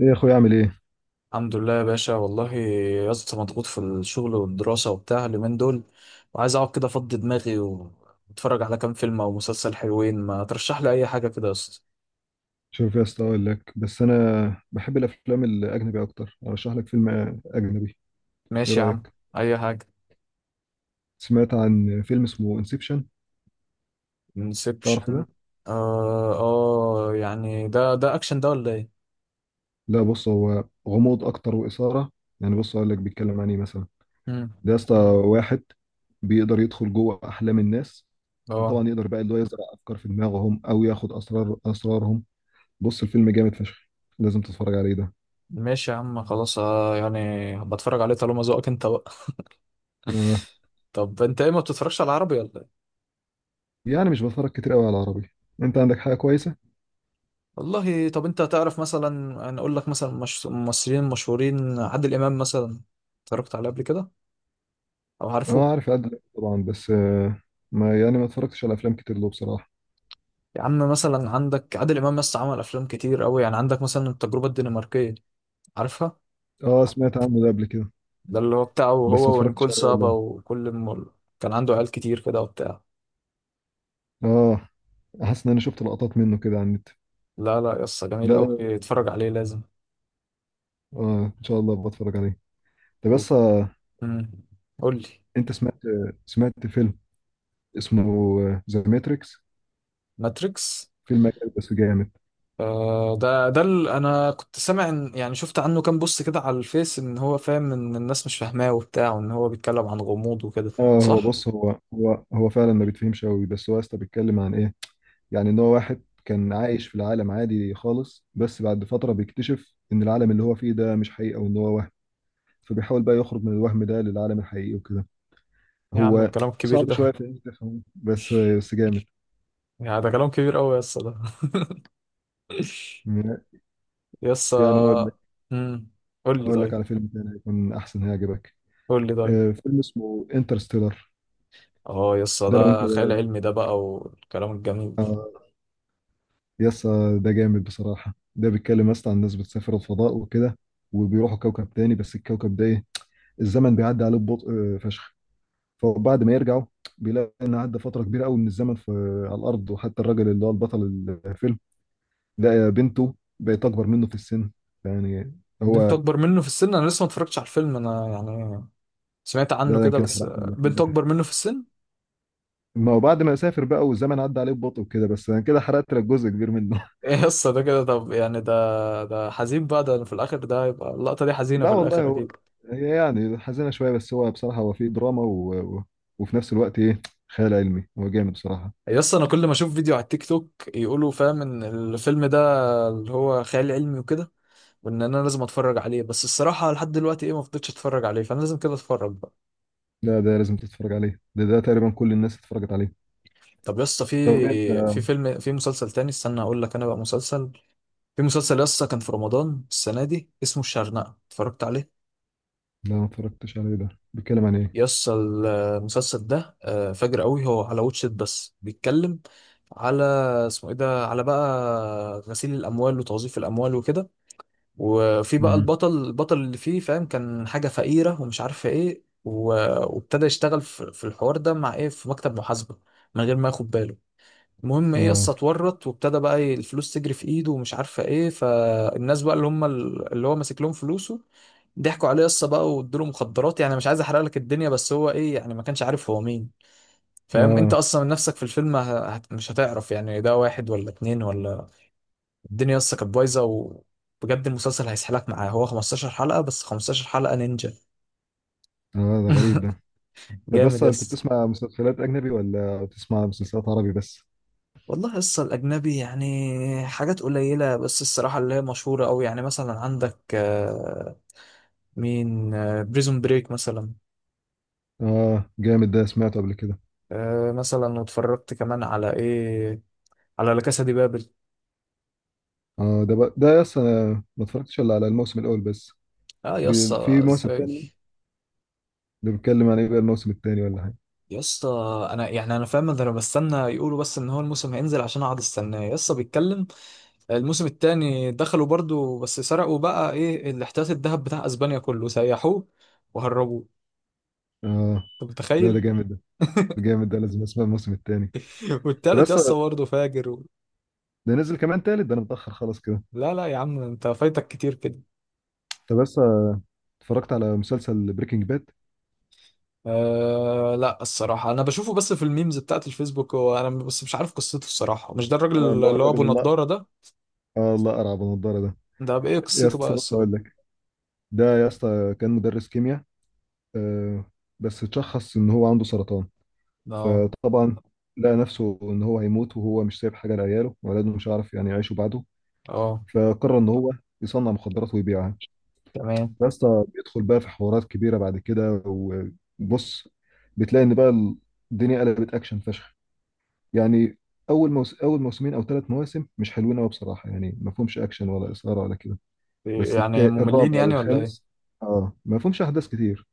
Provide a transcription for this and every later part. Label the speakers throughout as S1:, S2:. S1: ايه يا اخويا، اعمل ايه؟
S2: الحمد لله يا باشا، والله يا اسطى مضغوط في الشغل والدراسة وبتاع اليومين دول، وعايز اقعد كده افضي دماغي واتفرج على كام فيلم او مسلسل حلوين. ما ترشح لي اي حاجة كده يا اسطى؟
S1: شوف يا اسطى، اقول لك بس انا بحب الافلام الاجنبي اكتر. ارشح لك فيلم اجنبي. ايه
S2: ماشي يا عم.
S1: رايك؟
S2: اي حاجة.
S1: سمعت عن فيلم اسمه انسبشن؟ تعرفه ده؟
S2: انسبشن. اه اه، يعني ده اكشن ده ولا ايه؟
S1: لا، بص، هو غموض اكتر واثاره. يعني بص اقول لك بيتكلم عن ايه مثلا.
S2: امم
S1: ده يا اسطى واحد بيقدر يدخل جوه احلام الناس.
S2: اه،
S1: وطبعا يقدر بقى اللي هو يزرع افكار في دماغهم او ياخد اسرارهم. بص الفيلم جامد فشخ. لازم تتفرج عليه ده.
S2: ماشي يا عم خلاص. يعني بتفرج عليه طالما ذوقك انت بقى.
S1: آه.
S2: طب انت ايه، ما بتتفرجش على عربي ولا إيه؟
S1: يعني مش بتفرج كتير قوي على العربي. انت عندك حاجه كويسه؟
S2: والله، طب انت تعرف مثلا، انا اقول لك مثلا مش... ممثلين مشهورين، عادل امام مثلا، اتفرجت عليه قبل كده او عارفه؟
S1: اه، عارف عادل إمام طبعا، بس ما يعني ما اتفرجتش على افلام كتير له بصراحه.
S2: يا عم، مثلا عندك عادل امام بس، عمل افلام كتير قوي. يعني عندك مثلا التجربه الدنماركيه، عارفها؟
S1: اه، سمعت عنه ده قبل كده،
S2: ده اللي هو بتاعه
S1: بس ما
S2: هو
S1: اتفرجتش
S2: ونيكول
S1: عليه
S2: سابا،
S1: والله.
S2: وكل كان عنده عيال كتير كده وبتاع.
S1: اه، حاسس ان انا شفت لقطات منه كده على النت.
S2: لا لا يا اسطى، جميل
S1: لا ده
S2: قوي، اتفرج عليه لازم.
S1: اه، ان شاء الله بتفرج عليه. طب بس
S2: وف... مم. قول لي.
S1: انت سمعت سمعت فيلم اسمه ذا ماتريكس.
S2: ماتريكس.
S1: فيلم أجنبي بس جامد.
S2: ده انا كنت سامع ان، يعني شفت عنه كام بوست كده على الفيس، ان هو فاهم ان الناس مش فاهماه وبتاع، وان هو بيتكلم عن غموض وكده.
S1: اه، هو
S2: صح.
S1: بص، هو فعلا ما بيتفهمش قوي، بس هو يا اسطى بيتكلم عن ايه؟ يعني ان هو واحد كان عايش في العالم عادي خالص، بس بعد فتره بيكتشف ان العالم اللي هو فيه ده مش حقيقه وان هو وهم. فبيحاول بقى يخرج من الوهم ده للعالم الحقيقي وكده.
S2: يا عم
S1: هو
S2: الكلام الكبير
S1: صعب
S2: ده
S1: شوية في إنك تفهمه، بس جامد.
S2: يعني ده كلام كبير قوي يا اسطى ده. يا
S1: يعني هقول
S2: اسطى.
S1: لك.
S2: امم قول لي
S1: هقول لك
S2: طيب.
S1: على فيلم تاني هيكون أحسن، هيعجبك.
S2: قول لي طيب.
S1: فيلم اسمه انترستيلر.
S2: اه يا اسطى،
S1: ده لو أنت
S2: ده خيال علمي ده بقى والكلام الجميل.
S1: يسا ده جامد بصراحة. ده بيتكلم اصلا عن ناس بتسافر الفضاء وكده، وبيروحوا كوكب تاني. بس الكوكب ده ايه، الزمن بيعدي عليه ببطء فشخ. فبعد ما يرجعوا بيلاقي ان عدى فترة كبيرة قوي من الزمن في على الارض. وحتى الراجل اللي هو البطل الفيلم ده بنته بقت اكبر منه في السن. يعني
S2: بنت
S1: هو
S2: اكبر منه في السن؟ انا لسه ما اتفرجتش على الفيلم انا، يعني سمعت
S1: ده
S2: عنه
S1: انا
S2: كده
S1: كده
S2: بس.
S1: حرقت لك
S2: بنت
S1: للاسف.
S2: اكبر منه في السن.
S1: ما هو بعد ما سافر بقى والزمن عدى عليه ببطء وكده، بس انا كده حرقت لك جزء كبير منه.
S2: ايه قصة ده كده؟ طب يعني ده حزين بقى ده في الاخر، ده هيبقى اللقطة دي حزينة
S1: لا
S2: في
S1: والله،
S2: الاخر اكيد.
S1: هي يعني حزينه شويه، بس هو بصراحه هو فيه دراما وفي نفس الوقت ايه؟ خيال علمي. هو جامد بصراحه.
S2: يس، انا كل ما اشوف فيديو على التيك توك يقولوا، فاهم ان الفيلم ده اللي هو خيال علمي وكده، وان انا لازم اتفرج عليه. بس الصراحة لحد دلوقتي ايه، ما فضلتش اتفرج عليه، فانا لازم كده اتفرج بقى.
S1: لا، ده لازم تتفرج عليه. ده تقريبا كل الناس اتفرجت عليه.
S2: طب يس،
S1: طب انت
S2: في فيلم، في مسلسل تاني، استنى اقول لك انا بقى. مسلسل، في مسلسل يس كان في رمضان السنة دي، اسمه الشرنقة، اتفرجت عليه؟
S1: لا، ما اتفرجتش عليه. ده بيتكلم عن ايه؟
S2: يس المسلسل ده، فجر قوي. هو على واتشت، بس بيتكلم على، اسمه ايه ده، على بقى غسيل الاموال وتوظيف الاموال وكده. وفي بقى
S1: امم.
S2: البطل، البطل اللي فيه فاهم، كان حاجه فقيره ومش عارفه ايه، وابتدى يشتغل في الحوار ده مع ايه، في مكتب محاسبه، من غير ما ياخد باله. المهم ايه، يس
S1: اه،
S2: اتورط، وابتدى بقى إيه الفلوس تجري في ايده ومش عارفه ايه. فالناس بقى اللي هم اللي هو ماسك لهم فلوسه ضحكوا عليه، قصه بقى، وادوا له مخدرات. يعني مش عايز احرق لك الدنيا، بس هو ايه يعني، ما كانش عارف هو مين. فاهم انت
S1: اه.
S2: اصلا من نفسك في الفيلم مش هتعرف، يعني ده واحد ولا اتنين ولا. الدنيا لسه كانت بايظه، وبجد المسلسل هيسحلك معاه، هو 15 حلقه بس، 15 حلقه نينجا.
S1: اه، ده غريب ده. طب
S2: جامد
S1: بس،
S2: يا
S1: انت
S2: اسطى.
S1: بتسمع مسلسلات اجنبي ولا بتسمع مسلسلات عربي بس؟
S2: والله يسطا، الأجنبي يعني حاجات قليلة بس، الصراحة اللي هي مشهورة أوي. يعني مثلا عندك مين، بريزون بريك مثلا.
S1: اه، جامد ده، سمعته قبل كده.
S2: مثلا واتفرجت كمان على إيه، على لا كاسا دي بابل.
S1: اه، ده بقى ده، يس انا ما اتفرجتش الا على الموسم الاول بس.
S2: اه يا اسطى
S1: في موسم
S2: ازاي؟
S1: تاني، ده بيتكلم عن ايه بقى الموسم التاني ولا حاجه؟
S2: يا اسطى، انا يعني انا فاهم ده، انا بستنى يقولوا بس، ان هو الموسم هينزل عشان اقعد استناه يا اسطى. بيتكلم الموسم التاني دخلوا برضو، بس سرقوا بقى ايه الاحتياط الذهب بتاع اسبانيا كله، سيحوه وهربوه.
S1: اه.
S2: انت
S1: لا، ده
S2: متخيل؟
S1: جامد ده. ده جامد ده، لازم اسمع الموسم التاني. ده
S2: والتالت يا
S1: بس
S2: اسطى برضه فاجر
S1: ده نزل كمان تالت. ده انا متاخر خالص كده.
S2: لا لا يا عم، انت فايتك كتير كده.
S1: طب بس اتفرجت على مسلسل بريكنج باد؟
S2: آه لا، الصراحة أنا بشوفه بس في الميمز بتاعت الفيسبوك، وأنا بس مش عارف قصته الصراحة. مش ده الراجل
S1: اه، اللي هو
S2: اللي هو
S1: الراجل
S2: أبو
S1: الله.
S2: نضارة ده؟
S1: اه، الله ارعب النضاره ده.
S2: ده بإيه
S1: يا
S2: قصته
S1: اسطى
S2: بقى
S1: بص اقول
S2: الصراحة؟
S1: لك. ده يا اسطى كان مدرس كيمياء، آه بس اتشخص ان هو عنده سرطان.
S2: اه،
S1: فطبعا لقى نفسه ان هو هيموت، وهو مش سايب حاجه لعياله وولاده، مش هيعرف يعني يعيشوا بعده.
S2: اه.
S1: فقرر ان هو يصنع مخدرات ويبيعها.
S2: تمام.
S1: بس بيدخل بقى في حوارات كبيره بعد كده، وبص بتلاقي ان بقى الدنيا قلبت اكشن فشخ. يعني اول موسمين او ثلاث مواسم مش حلوين قوي بصراحه، يعني ما فيهمش اكشن ولا اثاره ولا كده. بس
S2: يعني مملين
S1: الرابع
S2: يعني ولا ايه؟
S1: والخامس، اه، ما فيهمش احداث كتير.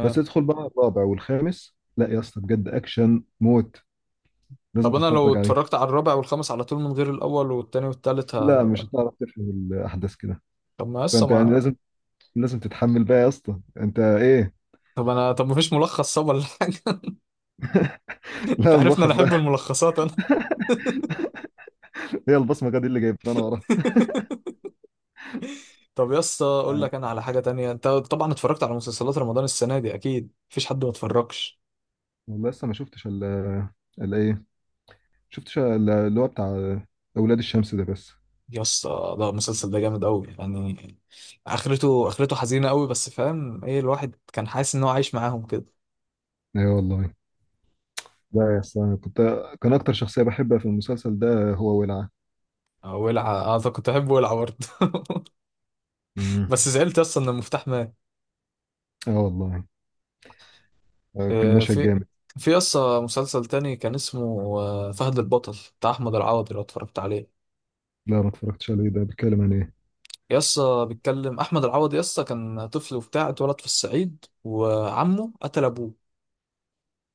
S1: بس ادخل بقى الرابع والخامس، لا يا اسطى بجد اكشن موت. لازم
S2: طب انا لو
S1: تتفرج عليه.
S2: اتفرجت على الرابع والخامس على طول من غير الاول والتاني والتالت
S1: لا، مش هتعرف تفهم الاحداث كده.
S2: طب ما لسه
S1: فانت يعني
S2: ما.
S1: لازم. لازم تتحمل بقى يا اسطى انت ايه.
S2: طب انا، طب ما فيش ملخص صب ولا حاجه؟ انت
S1: لا،
S2: عارفني
S1: ملخص
S2: انا احب
S1: بقى؟
S2: الملخصات انا.
S1: هي البصمه دي اللي جايبها انا وراها.
S2: طب يا اسطى، اقول
S1: آه،
S2: لك انا على حاجه تانية. انت طبعا اتفرجت على مسلسلات رمضان السنه دي، اكيد مفيش حد ما اتفرجش.
S1: والله لسه ما شفتش ال ال ايه شفتش ال- اللي هو بتاع اولاد الشمس ده بس.
S2: يا اسطى، ده المسلسل ده جامد قوي يعني. اخرته اخرته حزينه قوي، بس فاهم ايه، الواحد كان حاسس ان هو عايش معاهم كده.
S1: ايوه والله. لا يا اسطى انا كنت كان اكتر شخصيه بحبها في المسلسل ده هو ولعه.
S2: ولع؟ اه، طب كنت احب ولع برضه.
S1: امم.
S2: بس زعلت يسطا ان المفتاح مات.
S1: اه والله. كان مشهد
S2: في،
S1: جامد.
S2: في يسطا مسلسل تاني كان اسمه، فهد البطل بتاع احمد العوضي، لو اتفرجت عليه.
S1: لا، ما اتفرجتش عليه. ده بيتكلم عن ايه؟
S2: يسطا بيتكلم، احمد العوضي يسطا كان طفل وبتاع، اتولد في الصعيد وعمه قتل ابوه.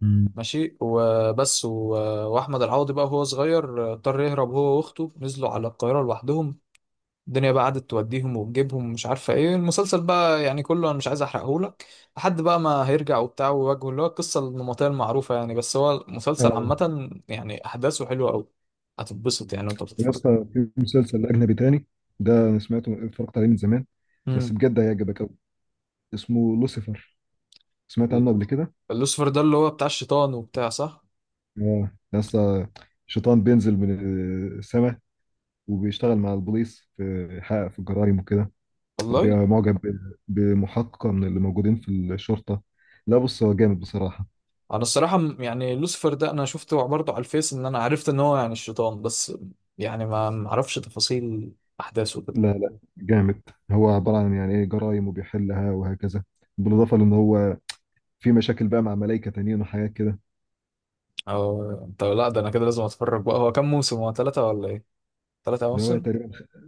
S1: امم.
S2: ماشي وبس واحمد العوضي بقى وهو صغير، اضطر يهرب هو واخته، نزلوا على القاهره لوحدهم. الدنيا بقى قعدت توديهم وتجيبهم ومش عارفه ايه. المسلسل بقى يعني كله انا مش عايز احرقهولك، لحد بقى ما هيرجع وبتاع ويواجهه اللي هو القصه النمطيه المعروفه يعني. بس هو المسلسل
S1: اه.
S2: عامه يعني احداثه حلوه قوي، هتتبسط يعني وانت
S1: يا
S2: بتتفرج.
S1: اسطى، في مسلسل أجنبي تاني ده أنا سمعته اتفرجت عليه من زمان، بس
S2: امم
S1: بجد هيعجبك أوي. اسمه لوسيفر، سمعت عنه قبل كده؟
S2: لوسيفر ده اللي هو بتاع الشيطان وبتاع، صح؟
S1: آه يا اسطى، شيطان بينزل من السماء، وبيشتغل مع البوليس في يحقق في الجرائم وكده.
S2: والله،
S1: وبيبقى معجب بمحققة من اللي موجودين في الشرطة. لا بص، هو جامد بصراحة.
S2: انا الصراحه يعني لوسيفر ده انا شفته برضه على الفيس، ان انا عرفت ان هو يعني الشيطان، بس يعني ما اعرفش تفاصيل احداثه كده.
S1: لا لا، جامد. هو عبارة عن يعني إيه، جرائم وبيحلها وهكذا. بالإضافة لأن هو في مشاكل بقى مع ملايكة تانيين وحاجات كده.
S2: او طب، لا ده انا كده لازم اتفرج بقى. هو كام موسم، هو ثلاثه ولا ايه؟ ثلاثه
S1: ده هو
S2: مواسم.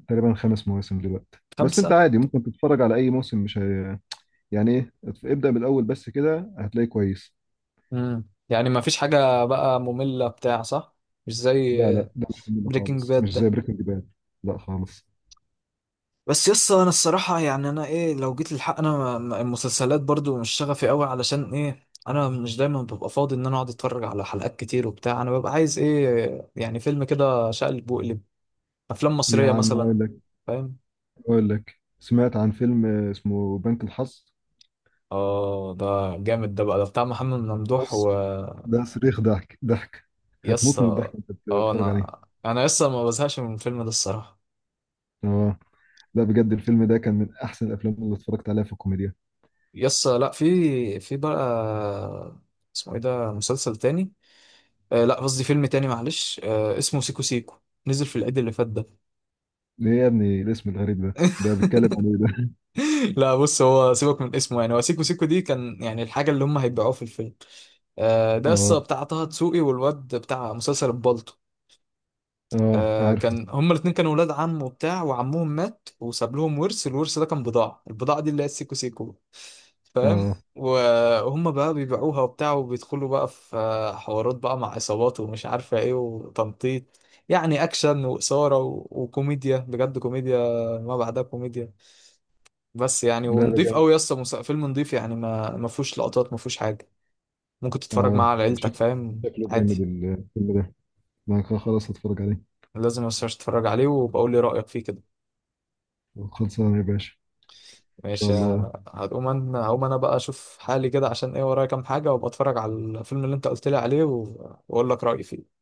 S1: تقريبا خمس مواسم دلوقتي، بس انت
S2: خمسة.
S1: عادي ممكن تتفرج على اي موسم، مش هي... يعني ايه، ابدأ من الاول بس كده هتلاقيه كويس.
S2: يعني ما فيش حاجة بقى مملة بتاع صح؟ مش
S1: لا
S2: زي
S1: لا، ده مش منه
S2: بريكنج
S1: خالص،
S2: باد
S1: مش
S2: ده؟
S1: زي بريكنج باد. لا خالص.
S2: بس يس، انا الصراحة يعني انا ايه، لو جيت للحق انا المسلسلات برضو مش شغفي قوي، علشان ايه، انا مش دايما ببقى فاضي ان انا اقعد اتفرج على حلقات كتير وبتاع. انا ببقى عايز ايه يعني، فيلم كده شقلب وقلب. افلام
S1: يا
S2: مصرية
S1: عم اقول
S2: مثلا.
S1: لك.
S2: فاهم؟
S1: سمعت عن فيلم اسمه بنك الحظ.
S2: اه ده جامد ده بقى، ده بتاع محمد ممدوح
S1: بص،
S2: و.
S1: ده صريخ، ضحك ضحك. هتموت
S2: يسا،
S1: من الضحك وانت
S2: اه
S1: بتتفرج عليه.
S2: انا، انا يسا ما بزهقش من الفيلم ده الصراحة.
S1: اه، لا بجد الفيلم ده كان من احسن الافلام اللي اتفرجت عليها في الكوميديا.
S2: يس لا، في في بقى، اسمه ايه ده، مسلسل تاني، آه لا قصدي فيلم تاني معلش، آه اسمه سيكو سيكو، نزل في العيد اللي فات ده.
S1: ايه يا ابني الاسم الغريب ده، ده بيتكلم عن ايه ده؟
S2: لا بص، هو سيبك من اسمه، يعني هو سيكو سيكو دي كان يعني الحاجة اللي هم هيبيعوها في الفيلم. آه، ده قصة
S1: اه.
S2: بتاع طه دسوقي والواد بتاع مسلسل البالطو.
S1: اه
S2: آه
S1: عارفه.
S2: كان هما الاتنين كانوا ولاد عم وبتاع، وعمهم مات وساب لهم ورث، الورث ده كان بضاعة، البضاعة دي اللي هي السيكو سيكو. فاهم
S1: اه.
S2: وهم بقى بيبيعوها وبتاع، وبيدخلوا بقى في حوارات بقى مع عصابات ومش عارفة ايه، وتنطيط يعني، اكشن واثارة وكوميديا، بجد كوميديا ما بعدها كوميديا. بس يعني
S1: لا
S2: ونضيف
S1: لا.
S2: قوي يا اسطى، فيلم نضيف يعني، ما ما فيهوش لقطات، ما فيهوش حاجة. ممكن تتفرج معاه
S1: اه،
S2: على عيلتك، فاهم
S1: شكله جامد
S2: عادي.
S1: الفيلم ده. انا خلاص هتفرج عليه.
S2: لازم ما تنساش تتفرج عليه، وبقول لي رأيك فيه كده.
S1: خلصانه يا باشا. ان شاء
S2: ماشي.
S1: الله.
S2: هقوم انا، هقوم انا بقى اشوف حالي كده عشان ايه، ورايا كام حاجة، وابقى اتفرج على الفيلم اللي انت قلت لي عليه واقول لك رأيي فيه.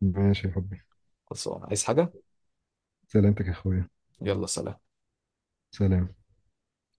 S1: ماشي يا حبي.
S2: خلصان عايز حاجة.
S1: سلامتك يا اخويا.
S2: يلا سلام.
S1: سلام.